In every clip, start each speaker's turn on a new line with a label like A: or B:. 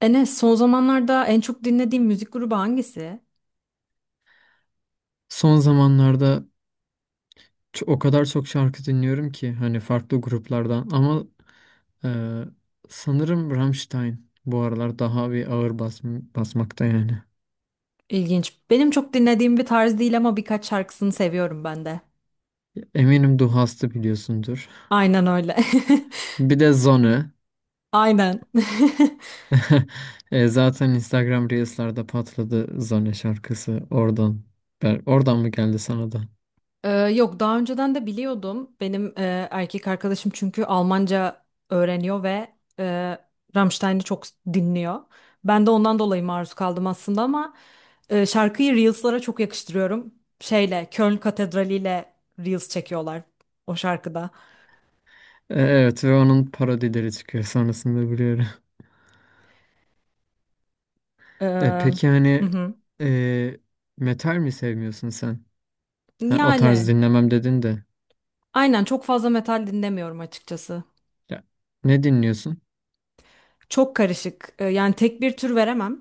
A: Enes, son zamanlarda en çok dinlediğim müzik grubu hangisi?
B: Son zamanlarda o kadar çok şarkı dinliyorum ki hani farklı gruplardan ama e, sanırım Rammstein bu aralar daha bir ağır bas basmakta yani.
A: İlginç. Benim çok dinlediğim bir tarz değil ama birkaç şarkısını seviyorum ben de.
B: Eminim Du Hast biliyorsundur.
A: Aynen öyle.
B: Bir de Zone.
A: Aynen.
B: Zaten Instagram Reels'larda patladı Zone şarkısı oradan. Oradan mı geldi sana da?
A: Yok, daha önceden de biliyordum. Benim erkek arkadaşım çünkü Almanca öğreniyor ve e, Rammstein'i çok dinliyor. Ben de ondan dolayı maruz kaldım aslında ama şarkıyı Reels'lara çok yakıştırıyorum. Şeyle, Köln Katedrali ile Reels çekiyorlar o şarkıda.
B: Evet, ve onun parodileri çıkıyor sonrasında biliyorum. Peki
A: Hı
B: hani
A: hı.
B: e, metal mi sevmiyorsun sen? Ha, o tarz
A: Yani
B: dinlemem dedin de.
A: aynen, çok fazla metal dinlemiyorum açıkçası.
B: Ya, ne dinliyorsun?
A: Çok karışık. Yani tek bir tür veremem.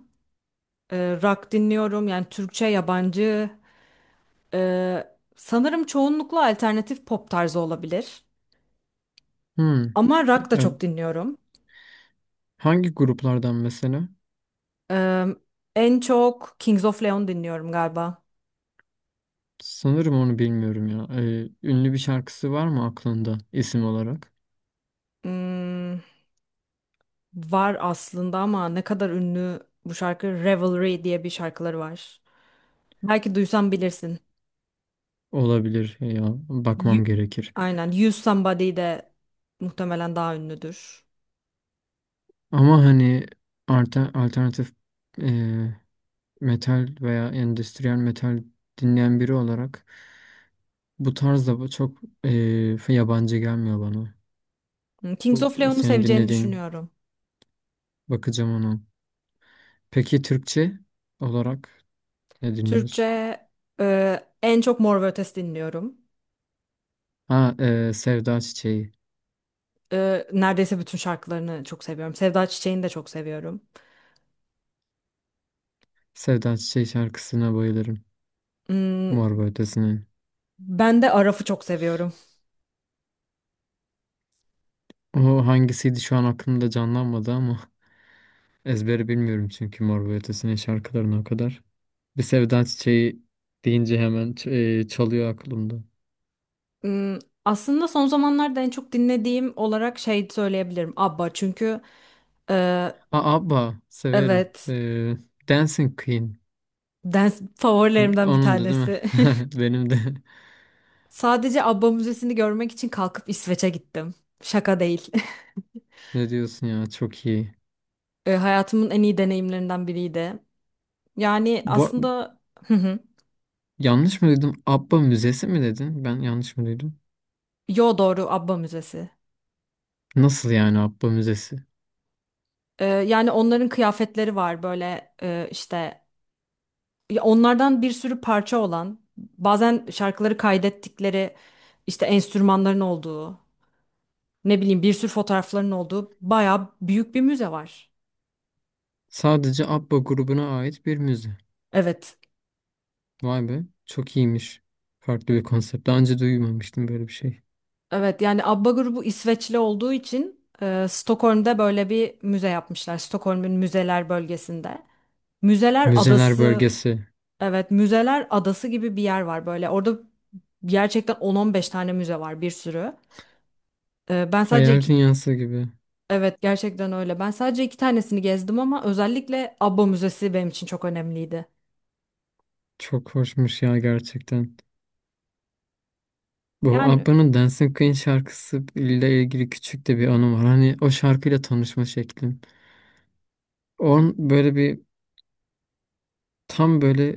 A: Rock dinliyorum yani, Türkçe, yabancı. Ee, Sanırım çoğunlukla alternatif pop tarzı olabilir.
B: Hmm.
A: Ama
B: Ya,
A: rock da çok dinliyorum.
B: hangi gruplardan mesela?
A: Ee, En çok Kings of Leon dinliyorum galiba.
B: Sanırım onu bilmiyorum ya. E, ünlü bir şarkısı var mı aklında isim olarak?
A: Hmm, var aslında ama ne kadar ünlü bu şarkı, Revelry diye bir şarkıları var. Belki duysan bilirsin.
B: Olabilir ya. Bakmam
A: You-
B: gerekir.
A: Aynen. You Somebody de muhtemelen daha ünlüdür.
B: Ama hani alternatif e, metal veya endüstriyel metal dinleyen biri olarak bu tarzda bu çok yabancı gelmiyor bana.
A: Hmm, Kings
B: Bu
A: of Leon'u
B: senin
A: seveceğini
B: dinlediğin,
A: düşünüyorum.
B: bakacağım ona. Peki Türkçe olarak? Ne dinliyorsun?
A: Türkçe en çok Mor ve Ötesi dinliyorum.
B: Ha, Sevda Çiçeği.
A: E, neredeyse bütün şarkılarını çok seviyorum. Sevda Çiçek'ini de çok seviyorum.
B: Sevda Çiçeği şarkısına bayılırım.
A: Hmm,
B: Mor ve Ötesi'nin.
A: ben de Araf'ı çok seviyorum.
B: O hangisiydi şu an aklımda canlanmadı ama ezberi bilmiyorum çünkü Mor ve Ötesi'nin şarkılarına o kadar. Bir Sevda Çiçeği deyince hemen çalıyor aklımda.
A: Hmm, aslında son zamanlarda en çok dinlediğim olarak şey söyleyebilirim: ABBA. Çünkü e,
B: Aa, ABBA severim.
A: evet,
B: Dancing Queen.
A: dans favorilerimden bir
B: Onun da değil mi?
A: tanesi.
B: Benim de.
A: Sadece ABBA müzesini görmek için kalkıp İsveç'e gittim. Şaka değil.
B: Ne diyorsun ya? Çok iyi.
A: Hayatımın en iyi deneyimlerinden biriydi. Yani
B: Bu, ar-
A: aslında, hı hı.
B: Yanlış mı duydum? ABBA müzesi mi dedin? Ben yanlış mı duydum?
A: Yo, doğru, ABBA müzesi.
B: Nasıl yani ABBA müzesi?
A: E, yani onların kıyafetleri var böyle, işte ya, onlardan bir sürü parça olan, bazen şarkıları kaydettikleri, işte enstrümanların olduğu, ne bileyim, bir sürü fotoğrafların olduğu bayağı büyük bir müze var.
B: Sadece ABBA grubuna ait bir müze.
A: Evet.
B: Vay be, çok iyiymiş. Farklı bir konsept. Daha önce duymamıştım böyle bir şey.
A: Evet, yani ABBA grubu İsveçli olduğu için Stockholm'da böyle bir müze yapmışlar. Stockholm'un müzeler bölgesinde. Müzeler
B: Müzeler
A: Adası,
B: bölgesi.
A: evet, Müzeler Adası gibi bir yer var böyle. Orada gerçekten 10-15 tane müze var, bir sürü. Ben sadece
B: Hayal
A: iki,
B: dünyası gibi.
A: evet gerçekten öyle. Ben sadece iki tanesini gezdim ama özellikle ABBA Müzesi benim için çok önemliydi.
B: Çok hoşmuş ya gerçekten. Bu
A: Yani
B: ABBA'nın Dancing Queen şarkısı ile ilgili küçük de bir anım var. Hani o şarkıyla tanışma şeklim. On böyle bir tam böyle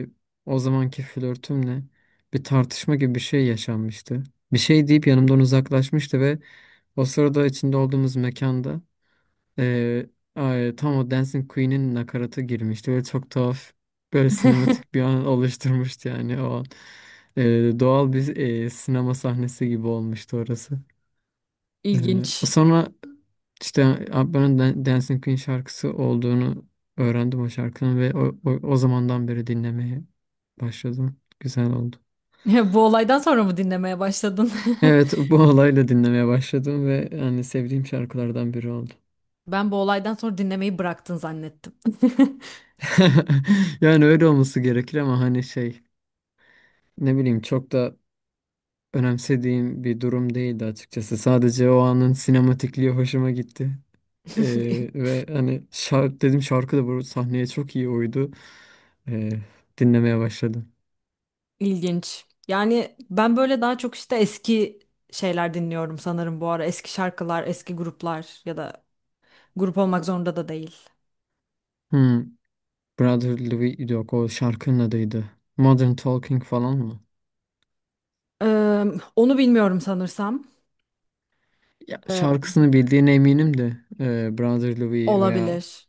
B: o zamanki flörtümle bir tartışma gibi bir şey yaşanmıştı. Bir şey deyip yanımdan uzaklaşmıştı ve o sırada içinde olduğumuz mekanda Ee, ay, tam o Dancing Queen'in nakaratı girmişti. Böyle çok tuhaf, böyle sinematik bir an oluşturmuştu yani o an. Doğal bir sinema sahnesi gibi olmuştu orası. Ee,
A: ilginç.
B: Sonra işte Abba'nın Dancing Queen şarkısı olduğunu öğrendim o şarkının ve o zamandan beri dinlemeye başladım. Güzel oldu.
A: Bu olaydan sonra mı dinlemeye başladın?
B: Evet, bu olayla dinlemeye başladım ve hani sevdiğim şarkılardan biri oldu.
A: Ben bu olaydan sonra dinlemeyi bıraktın zannettim.
B: Yani öyle olması gerekir ama hani şey, ne bileyim, çok da önemsediğim bir durum değildi açıkçası. Sadece o anın sinematikliği hoşuma gitti. Ee, Ve hani şarkı dedim, şarkı da bu sahneye çok iyi uydu. Ee, Dinlemeye başladım.
A: İlginç. Yani ben böyle daha çok işte eski şeyler dinliyorum sanırım bu ara. Eski şarkılar, eski gruplar ya da grup olmak zorunda da değil.
B: Hmm, Brother Louis, yok o şarkının adıydı. Modern Talking falan mı?
A: Ee, Onu bilmiyorum sanırsam.
B: Ya,
A: Ee,
B: şarkısını bildiğine eminim de Brother Louis veya
A: Olabilir.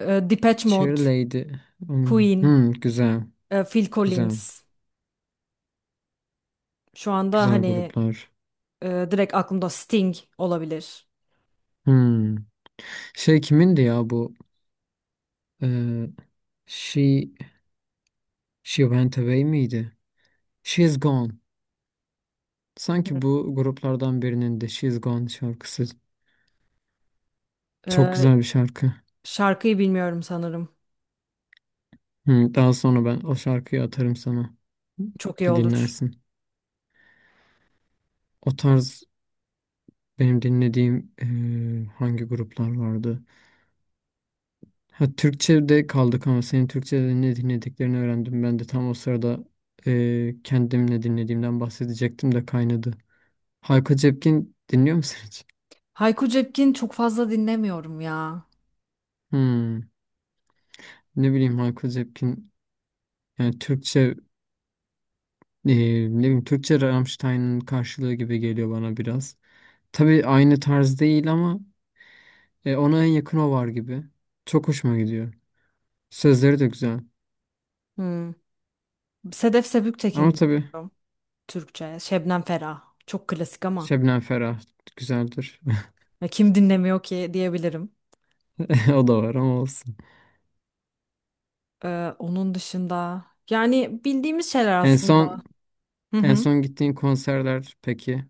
A: Depeche
B: Cherry
A: Mode,
B: Lady. Onun-
A: Queen,
B: hmm, güzel,
A: Phil
B: güzel,
A: Collins. Şu anda
B: güzel
A: hani
B: gruplar.
A: direkt aklımda Sting olabilir.
B: Hmm. Şey kimindi ya bu? e, She she went away miydi? She's gone. Sanki bu gruplardan birinin de She's gone şarkısı, çok
A: Ee,
B: güzel bir şarkı.
A: Şarkıyı bilmiyorum sanırım.
B: Hı, daha sonra ben o şarkıyı atarım sana.
A: Çok iyi
B: Bir
A: olur.
B: dinlersin. O tarz benim dinlediğim hangi gruplar vardı? Ha, Türkçe'de kaldık ama senin Türkçe'de ne dinlediklerini öğrendim. Ben de tam o sırada kendim ne dinlediğimden bahsedecektim de kaynadı. Hayko Cepkin dinliyor musun hiç?
A: Hayko Cepkin çok fazla dinlemiyorum ya.
B: Hmm, ne bileyim, Hayko Cepkin. Yani Türkçe, ne bileyim, Türkçe Rammstein'ın karşılığı gibi geliyor bana biraz. Tabii aynı tarz değil ama ona en yakın o var gibi. Çok hoşuma gidiyor. Sözleri de güzel.
A: Hmm. Sedef Sebüktekin
B: Ama tabii
A: dinliyorum. Türkçe. Şebnem Ferah. Çok klasik ama.
B: Şebnem Ferah güzeldir.
A: Ya kim dinlemiyor ki diyebilirim.
B: O da var ama olsun.
A: Onun dışında yani bildiğimiz şeyler
B: En
A: aslında.
B: son
A: Hı
B: en
A: hı.
B: son gittiğin konserler peki,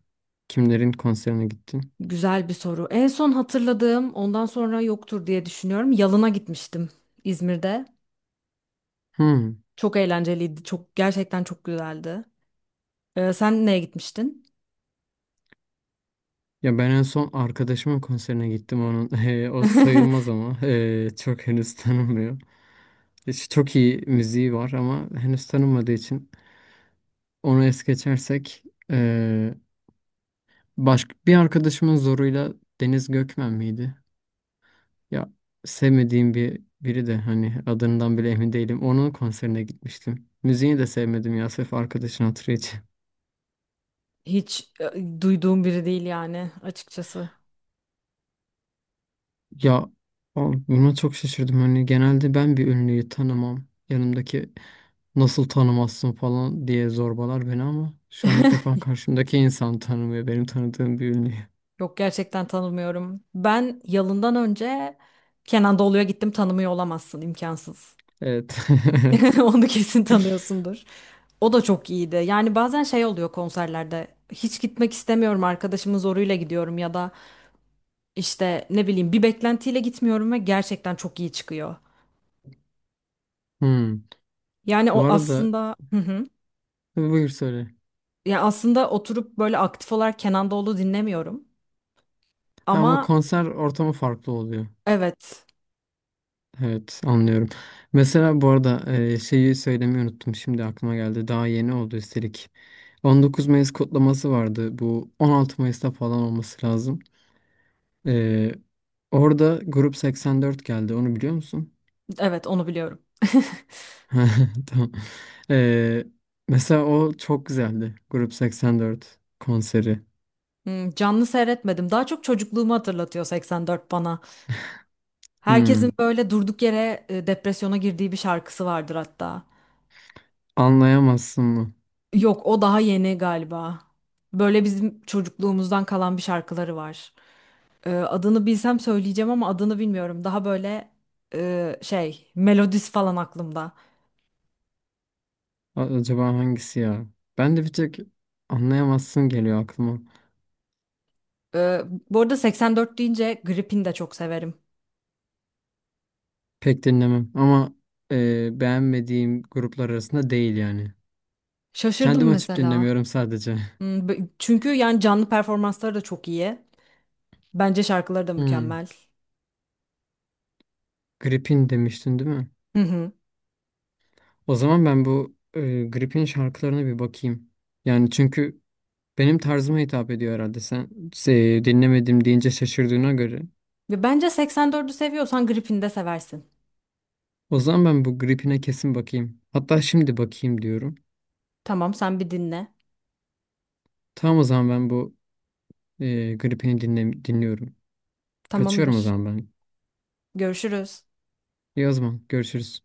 B: kimlerin konserine gittin?
A: Güzel bir soru. En son hatırladığım, ondan sonra yoktur diye düşünüyorum. Yalın'a gitmiştim, İzmir'de.
B: Hmm.
A: Çok eğlenceliydi. Çok, gerçekten çok güzeldi. Sen neye gitmiştin?
B: Ya, ben en son arkadaşımın konserine gittim onun. O sayılmaz ama çok henüz tanınmıyor. Çok iyi müziği var ama henüz tanınmadığı için onu es geçersek eee başka bir arkadaşımın zoruyla Deniz Gökmen miydi? Ya, sevmediğim bir, biri de hani adından bile emin değilim. Onun konserine gitmiştim. Müziğini de sevmedim ya, sırf arkadaşın hatırı için.
A: Hiç duyduğum biri değil yani açıkçası.
B: Ya, buna çok şaşırdım. Hani genelde ben bir ünlüyü tanımam. Yanımdaki nasıl tanımazsın falan diye zorbalar beni ama şu an ilk defa karşımdaki insan tanımıyor benim tanıdığım bir ünlü.
A: Yok, gerçekten tanımıyorum. Ben Yalın'dan önce Kenan Doğulu'ya gittim, tanımıyor olamazsın, imkansız.
B: Evet. Evet.
A: Onu kesin tanıyorsundur. O da çok iyiydi. Yani bazen şey oluyor konserlerde. Hiç gitmek istemiyorum, arkadaşımın zoruyla gidiyorum ya da işte ne bileyim bir beklentiyle gitmiyorum ve gerçekten çok iyi çıkıyor.
B: Hmm.
A: Yani
B: Bu
A: o
B: arada
A: aslında, hı hı.
B: buyur söyle.
A: Ya aslında oturup böyle aktif olarak Kenan Doğulu dinlemiyorum.
B: Ha ama
A: Ama
B: konser ortamı farklı oluyor.
A: evet,
B: Evet, anlıyorum. Mesela bu arada şeyi söylemeyi unuttum. Şimdi aklıma geldi. Daha yeni oldu üstelik. 19 Mayıs kutlaması vardı. Bu 16 Mayıs'ta falan olması lazım. E, Orada Grup 84 geldi. Onu biliyor musun?
A: evet onu biliyorum.
B: Tamam. E, Mesela o çok güzeldi. Grup 84 konseri.
A: Hmm, canlı seyretmedim. Daha çok çocukluğumu hatırlatıyor 84 bana. Herkesin
B: Hmm.
A: böyle durduk yere depresyona girdiği bir şarkısı vardır hatta.
B: Anlayamazsın mı?
A: Yok, o daha yeni galiba. Böyle bizim çocukluğumuzdan kalan bir şarkıları var. Adını bilsem söyleyeceğim ama adını bilmiyorum. Daha böyle şey melodisi falan aklımda.
B: A- acaba hangisi ya? Ben de bir tek anlayamazsın geliyor aklıma.
A: Ee, Bu arada 84 deyince Gripin de çok severim.
B: Pek dinlemem ama beğenmediğim gruplar arasında değil yani. Kendim
A: Şaşırdım
B: açıp
A: mesela.
B: dinlemiyorum sadece.
A: Hmm, çünkü yani canlı performansları da çok iyi. Bence şarkıları da
B: Hmm,
A: mükemmel.
B: Gripin demiştin değil mi?
A: Hı hı.
B: O zaman ben bu Gripin şarkılarına bir bakayım. Yani çünkü benim tarzıma hitap ediyor herhalde. Sen dinlemedim deyince şaşırdığına göre.
A: Ve bence 84'ü seviyorsan Gripin de seversin.
B: O zaman ben bu Gripin'e kesin bakayım. Hatta şimdi bakayım diyorum.
A: Tamam, sen bir dinle.
B: Tamam, o zaman ben bu Gripin'i dinliyorum. Kaçıyorum o
A: Tamamdır.
B: zaman ben.
A: Görüşürüz.
B: İyi o zaman. Görüşürüz.